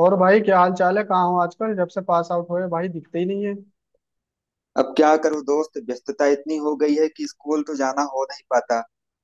और भाई क्या हाल चाल है? कहाँ हो आजकल? जब से पास आउट हुए भाई दिखते ही नहीं है। अब क्या करूं दोस्त। व्यस्तता इतनी हो गई है कि स्कूल तो जाना हो नहीं पाता।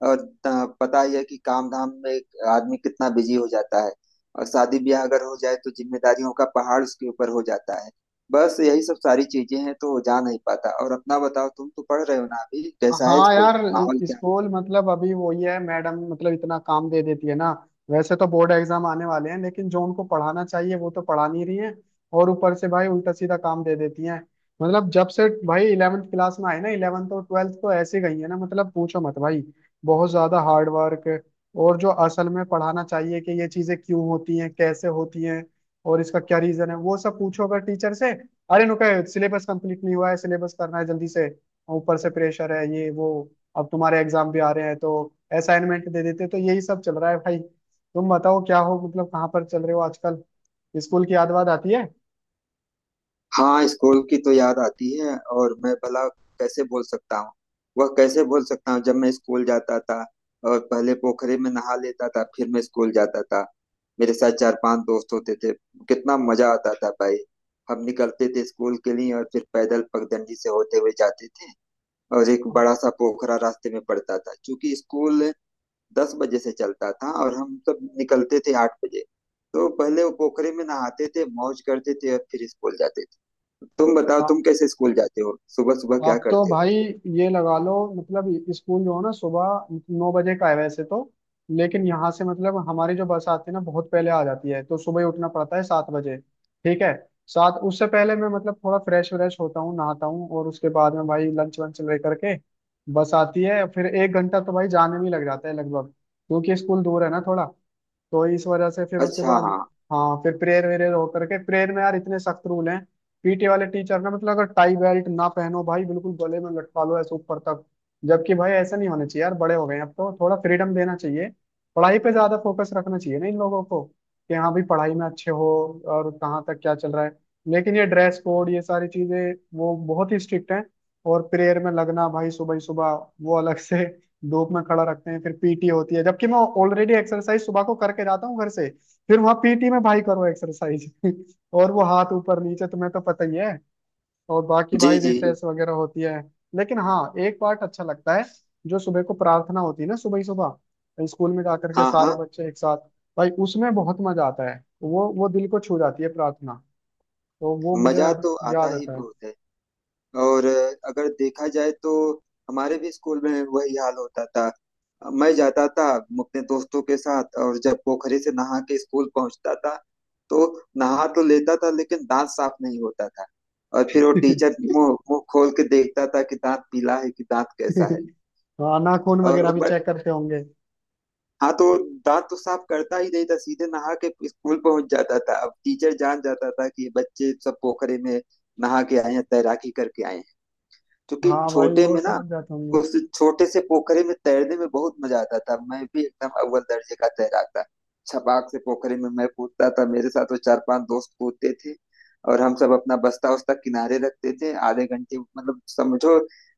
और पता ही है कि काम धाम में आदमी कितना बिजी हो जाता है। और शादी ब्याह अगर हो जाए तो जिम्मेदारियों का पहाड़ उसके ऊपर हो जाता है। बस यही सब सारी चीजें हैं तो जा नहीं पाता। और अपना बताओ, तुम तो पढ़ रहे हो ना अभी। कैसा है हाँ स्कूल? यार, माहौल क्या है? स्कूल मतलब अभी वो ही है, मैडम मतलब इतना काम दे देती है ना। वैसे तो बोर्ड एग्जाम आने वाले हैं, लेकिन जो उनको पढ़ाना चाहिए वो तो पढ़ा नहीं रही है। और ऊपर से भाई उल्टा सीधा काम दे देती हैं। मतलब जब से भाई इलेवेंथ क्लास में आए ना, इलेवेंथ और ट्वेल्थ तो ऐसे गई है ना, मतलब पूछो मत भाई। बहुत ज्यादा हार्ड वर्क। और जो असल में पढ़ाना चाहिए कि ये चीजें क्यों होती हैं, कैसे होती हैं, और इसका क्या रीजन है, वो सब पूछो अगर टीचर से, अरे नुका सिलेबस कंप्लीट नहीं हुआ है, सिलेबस करना है जल्दी से। ऊपर से प्रेशर है ये वो। अब तुम्हारे एग्जाम भी आ रहे हैं तो असाइनमेंट दे देते, तो यही सब चल रहा है भाई। तुम बताओ क्या हो, मतलब कहाँ पर चल रहे हो आजकल? स्कूल की याद वाद आती है? हाँ, स्कूल की तो याद आती है। और मैं भला कैसे बोल सकता हूँ? वह कैसे बोल सकता हूँ जब मैं स्कूल जाता था और पहले पोखरे में नहा लेता था फिर मैं स्कूल जाता था। मेरे साथ चार पांच दोस्त होते थे। कितना मजा आता था भाई। हम निकलते थे स्कूल के लिए और फिर पैदल पगडंडी से होते हुए जाते थे। और एक बड़ा सा पोखरा रास्ते में पड़ता था क्योंकि स्कूल 10 बजे से चलता था और हम सब निकलते थे 8 बजे। तो पहले वो पोखरे में नहाते थे, मौज करते थे और फिर स्कूल जाते थे। तुम बताओ हाँ, तुम कैसे स्कूल जाते हो, सुबह सुबह क्या आप तो करते हो? भाई ये लगा लो, मतलब स्कूल जो है ना सुबह नौ बजे का है वैसे तो, लेकिन यहाँ से मतलब हमारी जो बस आती है ना, बहुत पहले आ जाती है, तो सुबह ही उठना पड़ता है सात बजे, ठीक है। सात, उससे पहले मैं मतलब थोड़ा फ्रेश व्रेश होता हूँ, नहाता हूँ, और उसके बाद में भाई लंच वंच लेकर के बस आती है, फिर एक घंटा तो भाई जाने में ही लग जाता है लगभग, क्योंकि स्कूल दूर है ना थोड़ा, तो इस वजह से फिर उसके अच्छा। बाद हाँ। हाँ फिर प्रेयर वेरेयर होकर के। प्रेयर में यार इतने सख्त रूल हैं। पीटी वाले टीचर ने मतलब, अगर टाई बेल्ट ना पहनो भाई, बिल्कुल गले में लटका लो ऐसे ऊपर तक। जबकि भाई ऐसा नहीं होना चाहिए यार, बड़े हो गए हैं अब तो थोड़ा फ्रीडम देना चाहिए। पढ़ाई पे ज्यादा फोकस रखना चाहिए ना इन लोगों को, कि हाँ भाई पढ़ाई में अच्छे हो और कहाँ तक क्या चल रहा है। लेकिन ये ड्रेस कोड, ये सारी चीजें वो बहुत ही स्ट्रिक्ट हैं। और प्रेयर में लगना भाई सुबह ही सुबह, वो अलग से धूप में खड़ा रखते हैं, फिर पीटी होती है, जबकि मैं ऑलरेडी एक्सरसाइज सुबह को करके जाता हूँ घर से। फिर वहाँ पीटी में भाई करो एक्सरसाइज और वो हाथ ऊपर नीचे, तुम्हें तो पता ही है। और बाकी जी भाई जी। रिसेस वगैरह होती है। लेकिन हाँ, एक पार्ट अच्छा लगता है। जो सुबह को प्रार्थना होती है ना, सुबह ही सुबह स्कूल में जा करके हाँ सारे हाँ। बच्चे एक साथ, भाई उसमें बहुत मजा आता है। वो दिल को छू जाती है प्रार्थना। तो वो मुझे मजा तो आता याद ही आता है। बहुत है। और अगर देखा जाए तो हमारे भी स्कूल में वही हाल होता था। मैं जाता था अपने दोस्तों के साथ। और जब पोखरे से नहा के स्कूल पहुंचता था तो नहा तो लेता था लेकिन दांत साफ नहीं होता था। और फिर वो टीचर मुंह मुंह खोल के देखता था कि दांत पीला है कि दांत कैसा है। हाँ, नाखून और वगैरह वो भी बड़े। चेक करते होंगे। हाँ, तो दांत तो साफ करता ही नहीं था, सीधे नहा के स्कूल पहुंच जाता था। अब टीचर जान जाता था कि ये बच्चे सब पोखरे में नहा के आए हैं, तैराकी करके आए हैं, क्योंकि हाँ भाई, छोटे वो में ना समझ जाते होंगे। उस छोटे से पोखरे में तैरने में बहुत मजा आता था। मैं भी एकदम अव्वल दर्जे का तैराक था। छपाक से पोखरे में मैं कूदता था, मेरे साथ वो चार पांच दोस्त कूदते थे। और हम सब अपना बस्ता उस्ता किनारे रखते थे आधे घंटे, मतलब समझो,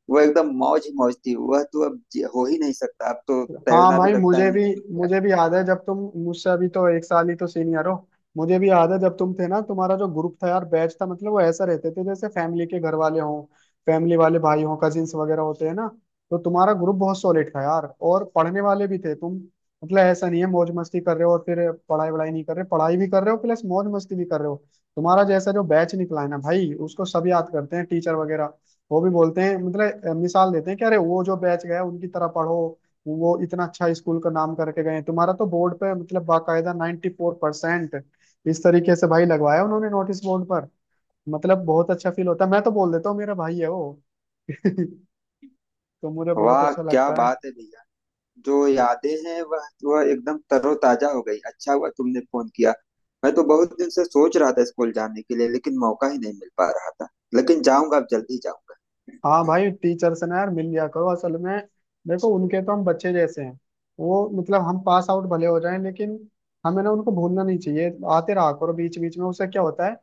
वो एकदम मौज ही मौज थी। वह तो अब हो ही नहीं सकता। अब तो हाँ तैरना भी भाई लगता है मुझे मैं। भी। मुझे भी याद है जब तुम मुझसे अभी तो एक साल ही तो सीनियर हो। मुझे भी याद है जब तुम थे ना, तुम्हारा जो ग्रुप था यार, बैच था, मतलब वो ऐसा रहते थे जैसे फैमिली के घर वाले हों। फैमिली वाले भाई हों, कजिन्स वगैरह होते हैं ना। तो तुम्हारा ग्रुप बहुत सॉलिड था यार, और पढ़ने वाले भी थे तुम। मतलब ऐसा नहीं है मौज मस्ती कर रहे हो और फिर पढ़ाई वढ़ाई नहीं कर रहे, पढ़ाई भी कर रहे हो प्लस मौज मस्ती भी कर रहे हो। तुम्हारा जैसा जो बैच निकला है ना भाई, उसको सब याद करते हैं, टीचर वगैरह वो भी बोलते हैं, मतलब मिसाल देते हैं कि अरे वो जो बैच गया उनकी तरह पढ़ो, वो इतना अच्छा स्कूल का नाम करके गए हैं। तुम्हारा तो बोर्ड पे मतलब बाकायदा 94% फोर परसेंट इस तरीके से भाई लगवाया उन्होंने नोटिस बोर्ड पर। मतलब बहुत अच्छा फील होता है, मैं तो बोल देता हूँ मेरा भाई है वो। तो मुझे बहुत वाह अच्छा क्या लगता है। बात है भैया। जो यादें हैं वह एकदम तरोताजा हो गई। अच्छा हुआ तुमने फोन किया। मैं तो बहुत दिन से सोच रहा था स्कूल जाने के लिए, लेकिन मौका ही नहीं मिल पा रहा था। लेकिन जाऊंगा, अब जल्दी जाऊंगा। हाँ भाई, टीचर से ना यार मिल लिया करो असल में। देखो, उनके तो हम बच्चे जैसे हैं। वो मतलब हम पास आउट भले हो जाएं, लेकिन हमें ना उनको भूलना नहीं चाहिए। आते रहा करो बीच बीच में, उससे क्या होता है,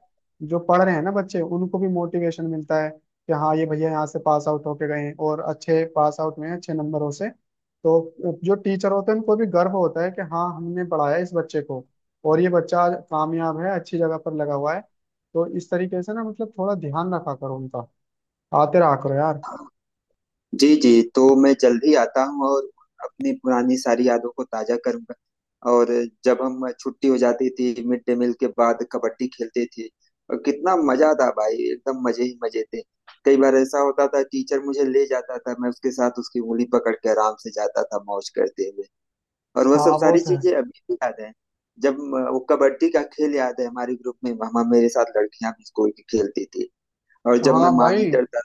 जो पढ़ रहे हैं ना बच्चे उनको भी मोटिवेशन मिलता है कि हाँ ये भैया यहाँ से पास आउट होके गए हैं और अच्छे पास आउट में हैं, अच्छे नंबरों से। तो जो टीचर होते हैं उनको भी गर्व होता है कि हाँ हमने पढ़ाया इस बच्चे को और ये बच्चा आज कामयाब है, अच्छी जगह पर लगा हुआ है। तो इस तरीके से ना मतलब थोड़ा ध्यान रखा करो उनका, आते रहा करो यार। जी जी। तो मैं जल्द ही आता हूँ और अपनी पुरानी सारी यादों को ताजा करूंगा। और जब हम छुट्टी हो जाती थी मिड डे मील के बाद कबड्डी खेलते थे। और कितना मजा था भाई, एकदम मजे ही मजे थे। कई बार ऐसा होता था टीचर मुझे ले जाता था, मैं उसके साथ उसकी उंगली पकड़ के आराम से जाता था, मौज करते हुए। और वह सब हाँ वो सारी तो चीजें है। अभी भी याद है। जब वो कबड्डी का खेल याद है। हमारे ग्रुप में वहां मेरे साथ लड़कियां भी स्कूल की खेलती थी। और जब मैं हाँ भाई, मानिटर था।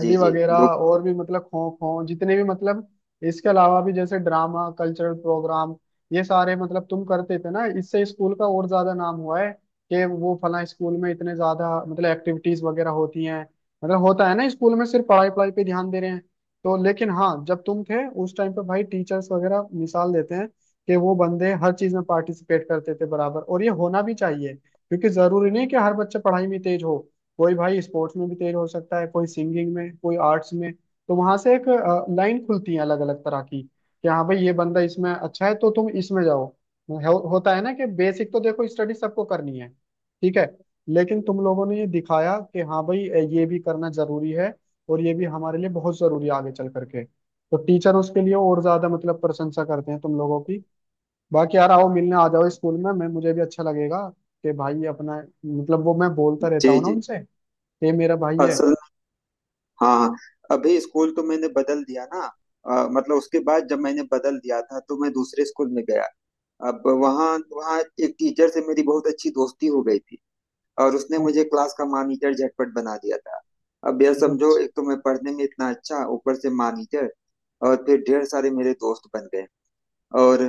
जी जी। वगैरह लोग। और भी, मतलब खो खो, जितने भी मतलब इसके अलावा भी जैसे ड्रामा, कल्चरल प्रोग्राम, ये सारे मतलब तुम करते थे ना, इससे स्कूल का और ज्यादा नाम हुआ है कि वो फला स्कूल में इतने ज्यादा मतलब एक्टिविटीज वगैरह होती हैं। मतलब होता है ना स्कूल में सिर्फ पढ़ाई, पढ़ाई पे ध्यान दे रहे हैं तो। लेकिन हाँ, जब तुम थे उस टाइम पे भाई टीचर्स वगैरह मिसाल देते हैं कि वो बंदे हर चीज में पार्टिसिपेट करते थे बराबर, और ये होना भी चाहिए, क्योंकि जरूरी नहीं कि हर बच्चा पढ़ाई में तेज हो। कोई भाई स्पोर्ट्स में भी तेज हो सकता है, कोई सिंगिंग में, कोई आर्ट्स में। तो वहां से एक लाइन खुलती है अलग अलग तरह की, कि हाँ भाई ये बंदा इसमें अच्छा है तो तुम इसमें जाओ। होता है ना कि बेसिक तो देखो स्टडी सबको करनी है, ठीक है, लेकिन तुम लोगों ने ये दिखाया कि हाँ भाई ये भी करना जरूरी है, और ये भी हमारे लिए बहुत जरूरी है आगे चल करके। तो टीचर उसके लिए और ज्यादा मतलब प्रशंसा करते हैं तुम लोगों की। बाकी यार आओ, मिलने आ जाओ स्कूल में, मैं मुझे भी अच्छा लगेगा कि भाई अपना, मतलब वो मैं बोलता रहता जी हूँ ना जी। उनसे, ये मेरा भाई और है। सब। हाँ हाँ, अभी स्कूल तो मैंने बदल दिया ना। मतलब उसके बाद जब मैंने बदल दिया था तो मैं दूसरे स्कूल में गया। अब वहाँ वहाँ एक टीचर से मेरी बहुत अच्छी दोस्ती हो गई थी। और उसने मुझे क्लास का मॉनिटर झटपट बना दिया था। अब यह समझो, अच्छा, एक तो मैं पढ़ने में इतना अच्छा, ऊपर से मॉनिटर। और फिर ढेर सारे मेरे दोस्त बन गए। और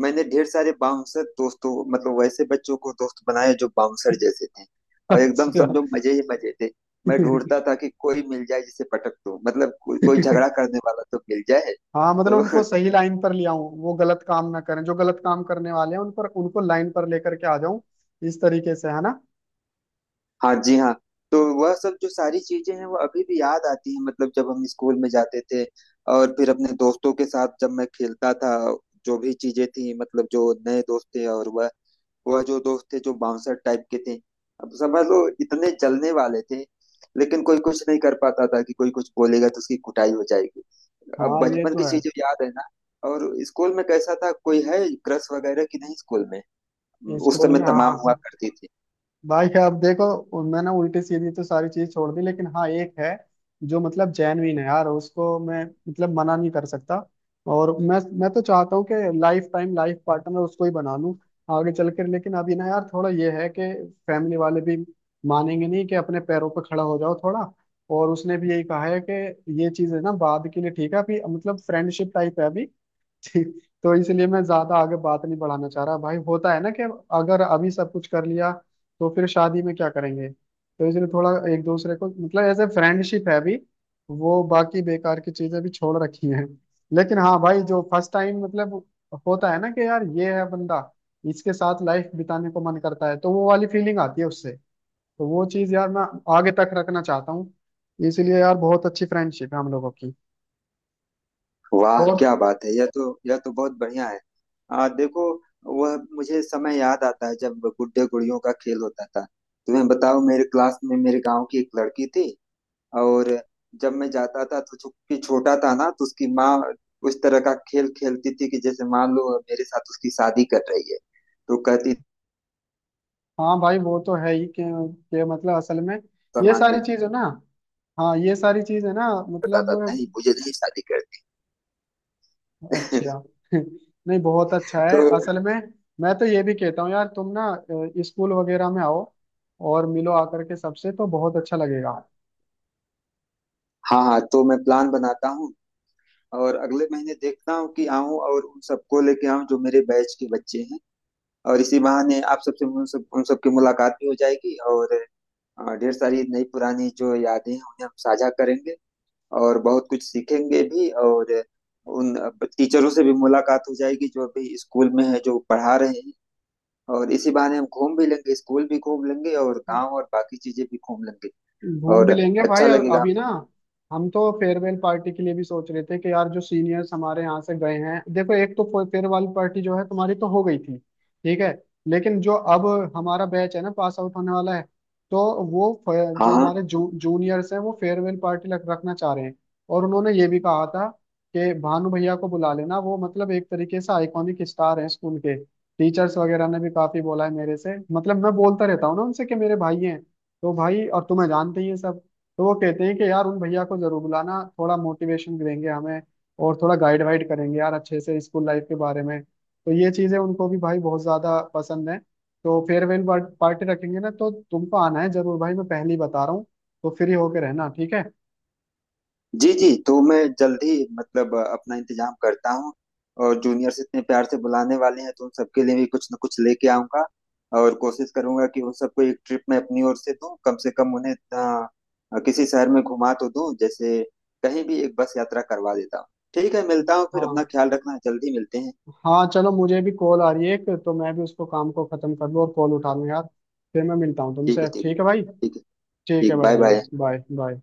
मैंने ढेर सारे बाउंसर दोस्तों, मतलब वैसे बच्चों को दोस्त बनाए जो बाउंसर जैसे थे। और एकदम अच्छा। समझो मजे ही मजे थे। मैं ढूंढता था कि कोई मिल जाए जिसे पटक दो, मतलब कोई कोई झगड़ा करने वाला तो मिल जाए। हाँ, मतलब तो उनको सही लाइन पर ले आऊं, वो गलत काम ना करें, जो गलत काम करने वाले हैं उन पर, उनको लाइन पर लेकर के आ जाऊं, इस तरीके से है ना। हाँ जी, हाँ। तो वह सब जो सारी चीजें हैं वो अभी भी याद आती हैं, मतलब जब हम स्कूल में जाते थे और फिर अपने दोस्तों के साथ जब मैं खेलता था। जो भी चीजें थी, मतलब जो नए दोस्त थे, और वह जो दोस्त थे जो बाउंसर टाइप के थे, अब समझ लो इतने जलने वाले थे। लेकिन कोई कुछ नहीं कर पाता था कि कोई कुछ बोलेगा तो उसकी कुटाई हो जाएगी। अब हाँ ये बचपन तो की है। चीजें याद है ना। और स्कूल में कैसा था, कोई है क्रश वगैरह कि नहीं स्कूल में? उस स्कूल समय में हाँ तमाम हुआ हाँ। करती थी। भाई अब देखो, मैंने उल्टी सीधी तो सारी चीज छोड़ दी, लेकिन हाँ एक है जो मतलब जेनविन है यार, उसको मैं मतलब मना नहीं कर सकता। और मैं तो चाहता हूँ कि लाइफ टाइम, लाइफ पार्टनर उसको ही बना लूँ आगे चल कर, लेकिन अभी ना यार थोड़ा ये है कि फैमिली वाले भी मानेंगे नहीं, कि अपने पैरों पर खड़ा हो जाओ थोड़ा। और उसने भी यही कहा है कि ये चीज है ना बाद के लिए, ठीक है, अभी मतलब फ्रेंडशिप टाइप है अभी, ठीक, तो इसलिए मैं ज्यादा आगे बात नहीं बढ़ाना चाह रहा भाई। होता है ना कि अगर अभी सब कुछ कर लिया तो फिर शादी में क्या करेंगे? तो इसलिए थोड़ा एक दूसरे को मतलब एज ए फ्रेंडशिप है अभी। वो बाकी बेकार की चीजें भी छोड़ रखी हैं, लेकिन हाँ भाई जो फर्स्ट टाइम मतलब होता है ना कि यार ये है बंदा, इसके साथ लाइफ बिताने को मन करता है, तो वो वाली फीलिंग आती है उससे। तो वो चीज यार मैं आगे तक रखना चाहता हूँ। इसलिए यार बहुत अच्छी फ्रेंडशिप है हम लोगों की। वाह और क्या बात है, यह तो बहुत बढ़िया है। देखो, वह मुझे समय याद आता है जब गुड्डे गुड़ियों का खेल होता था। तुम्हें बताओ, मेरे क्लास में मेरे गांव की एक लड़की थी। और जब मैं जाता था तो चूंकि छोटा था ना तो उसकी माँ उस तरह का खेल खेलती थी कि जैसे मान लो मेरे साथ उसकी शादी कर रही है। तो कहती हाँ भाई, वो तो है ही कि मतलब असल में ये सामान सारी में चीज है ना। हाँ ये सारी चीज है ना, करता मतलब था, नहीं मुझे नहीं शादी करनी। अच्छा। नहीं, बहुत अच्छा तो। है असल में। मैं तो ये भी कहता हूँ यार, तुम ना स्कूल वगैरह में आओ और मिलो आकर के सबसे, तो बहुत अच्छा लगेगा। हाँ हाँ, तो मैं प्लान बनाता हूँ और अगले महीने देखता हूँ कि आऊँ और उन सबको लेके आऊँ जो मेरे बैच के बच्चे हैं। और इसी बहाने आप सबसे उन सबकी मुलाकात भी हो जाएगी। और ढेर सारी नई पुरानी जो यादें हैं उन्हें हम साझा करेंगे और बहुत कुछ सीखेंगे भी। और उन टीचरों से भी मुलाकात हो जाएगी जो अभी स्कूल में है, जो पढ़ा रहे हैं। और इसी बहाने हम घूम भी लेंगे, स्कूल भी घूम लेंगे और गांव और बाकी चीजें भी घूम लेंगे। घूम और भी लेंगे भाई अच्छा लगेगा हम अभी ना सबको। हम तो फेयरवेल पार्टी के लिए भी सोच रहे थे कि यार जो सीनियर्स हमारे यहाँ से गए हैं, देखो एक तो फेयरवेल पार्टी जो है तुम्हारी तो हो गई थी, ठीक है, लेकिन जो अब हमारा बैच है ना पास आउट होने वाला है, तो वो जो हाँ हाँ। हमारे जूनियर्स हैं, वो फेयरवेल पार्टी लग रखना चाह रहे हैं। और उन्होंने ये भी कहा था कि भानु भैया को बुला लेना, वो मतलब एक तरीके से आइकॉनिक स्टार हैं स्कूल के। टीचर्स वगैरह ने भी काफी बोला है मेरे से, मतलब मैं बोलता रहता हूँ ना उनसे कि मेरे भाई हैं, तो भाई और तुम्हें जानते ही हैं सब। तो वो कहते हैं कि यार उन भैया को जरूर बुलाना, थोड़ा मोटिवेशन देंगे हमें और थोड़ा गाइड वाइड करेंगे यार अच्छे से स्कूल लाइफ के बारे में। तो ये चीजें उनको भी भाई बहुत ज्यादा पसंद है। तो फेयरवेल पार्टी रखेंगे ना, तो तुमको आना है जरूर भाई, मैं पहले ही बता रहा हूँ, तो फ्री होके रहना, ठीक है। जी जी, तो मैं जल्द ही मतलब अपना इंतजाम करता हूँ। और जूनियर्स इतने प्यार से बुलाने वाले हैं तो उन सबके लिए भी कुछ ना कुछ लेके आऊंगा। और कोशिश करूंगा कि उन सबको एक ट्रिप मैं अपनी ओर से दूं, कम से कम उन्हें किसी शहर में घुमा तो दूं। जैसे कहीं भी एक बस यात्रा करवा देता हूँ। ठीक है, मिलता हूँ फिर। अपना हाँ, ख्याल रखना, जल्दी मिलते हैं। हाँ चलो, मुझे भी कॉल आ रही है एक, तो मैं भी उसको काम को खत्म कर लूँ और कॉल उठा लूँ यार। फिर मैं मिलता हूँ ठीक तुमसे, है। ठीक ठीक है है। भाई। ठीक है। ठीक है ठीक, बड़ा बाय भैया। बाय। Bye bye.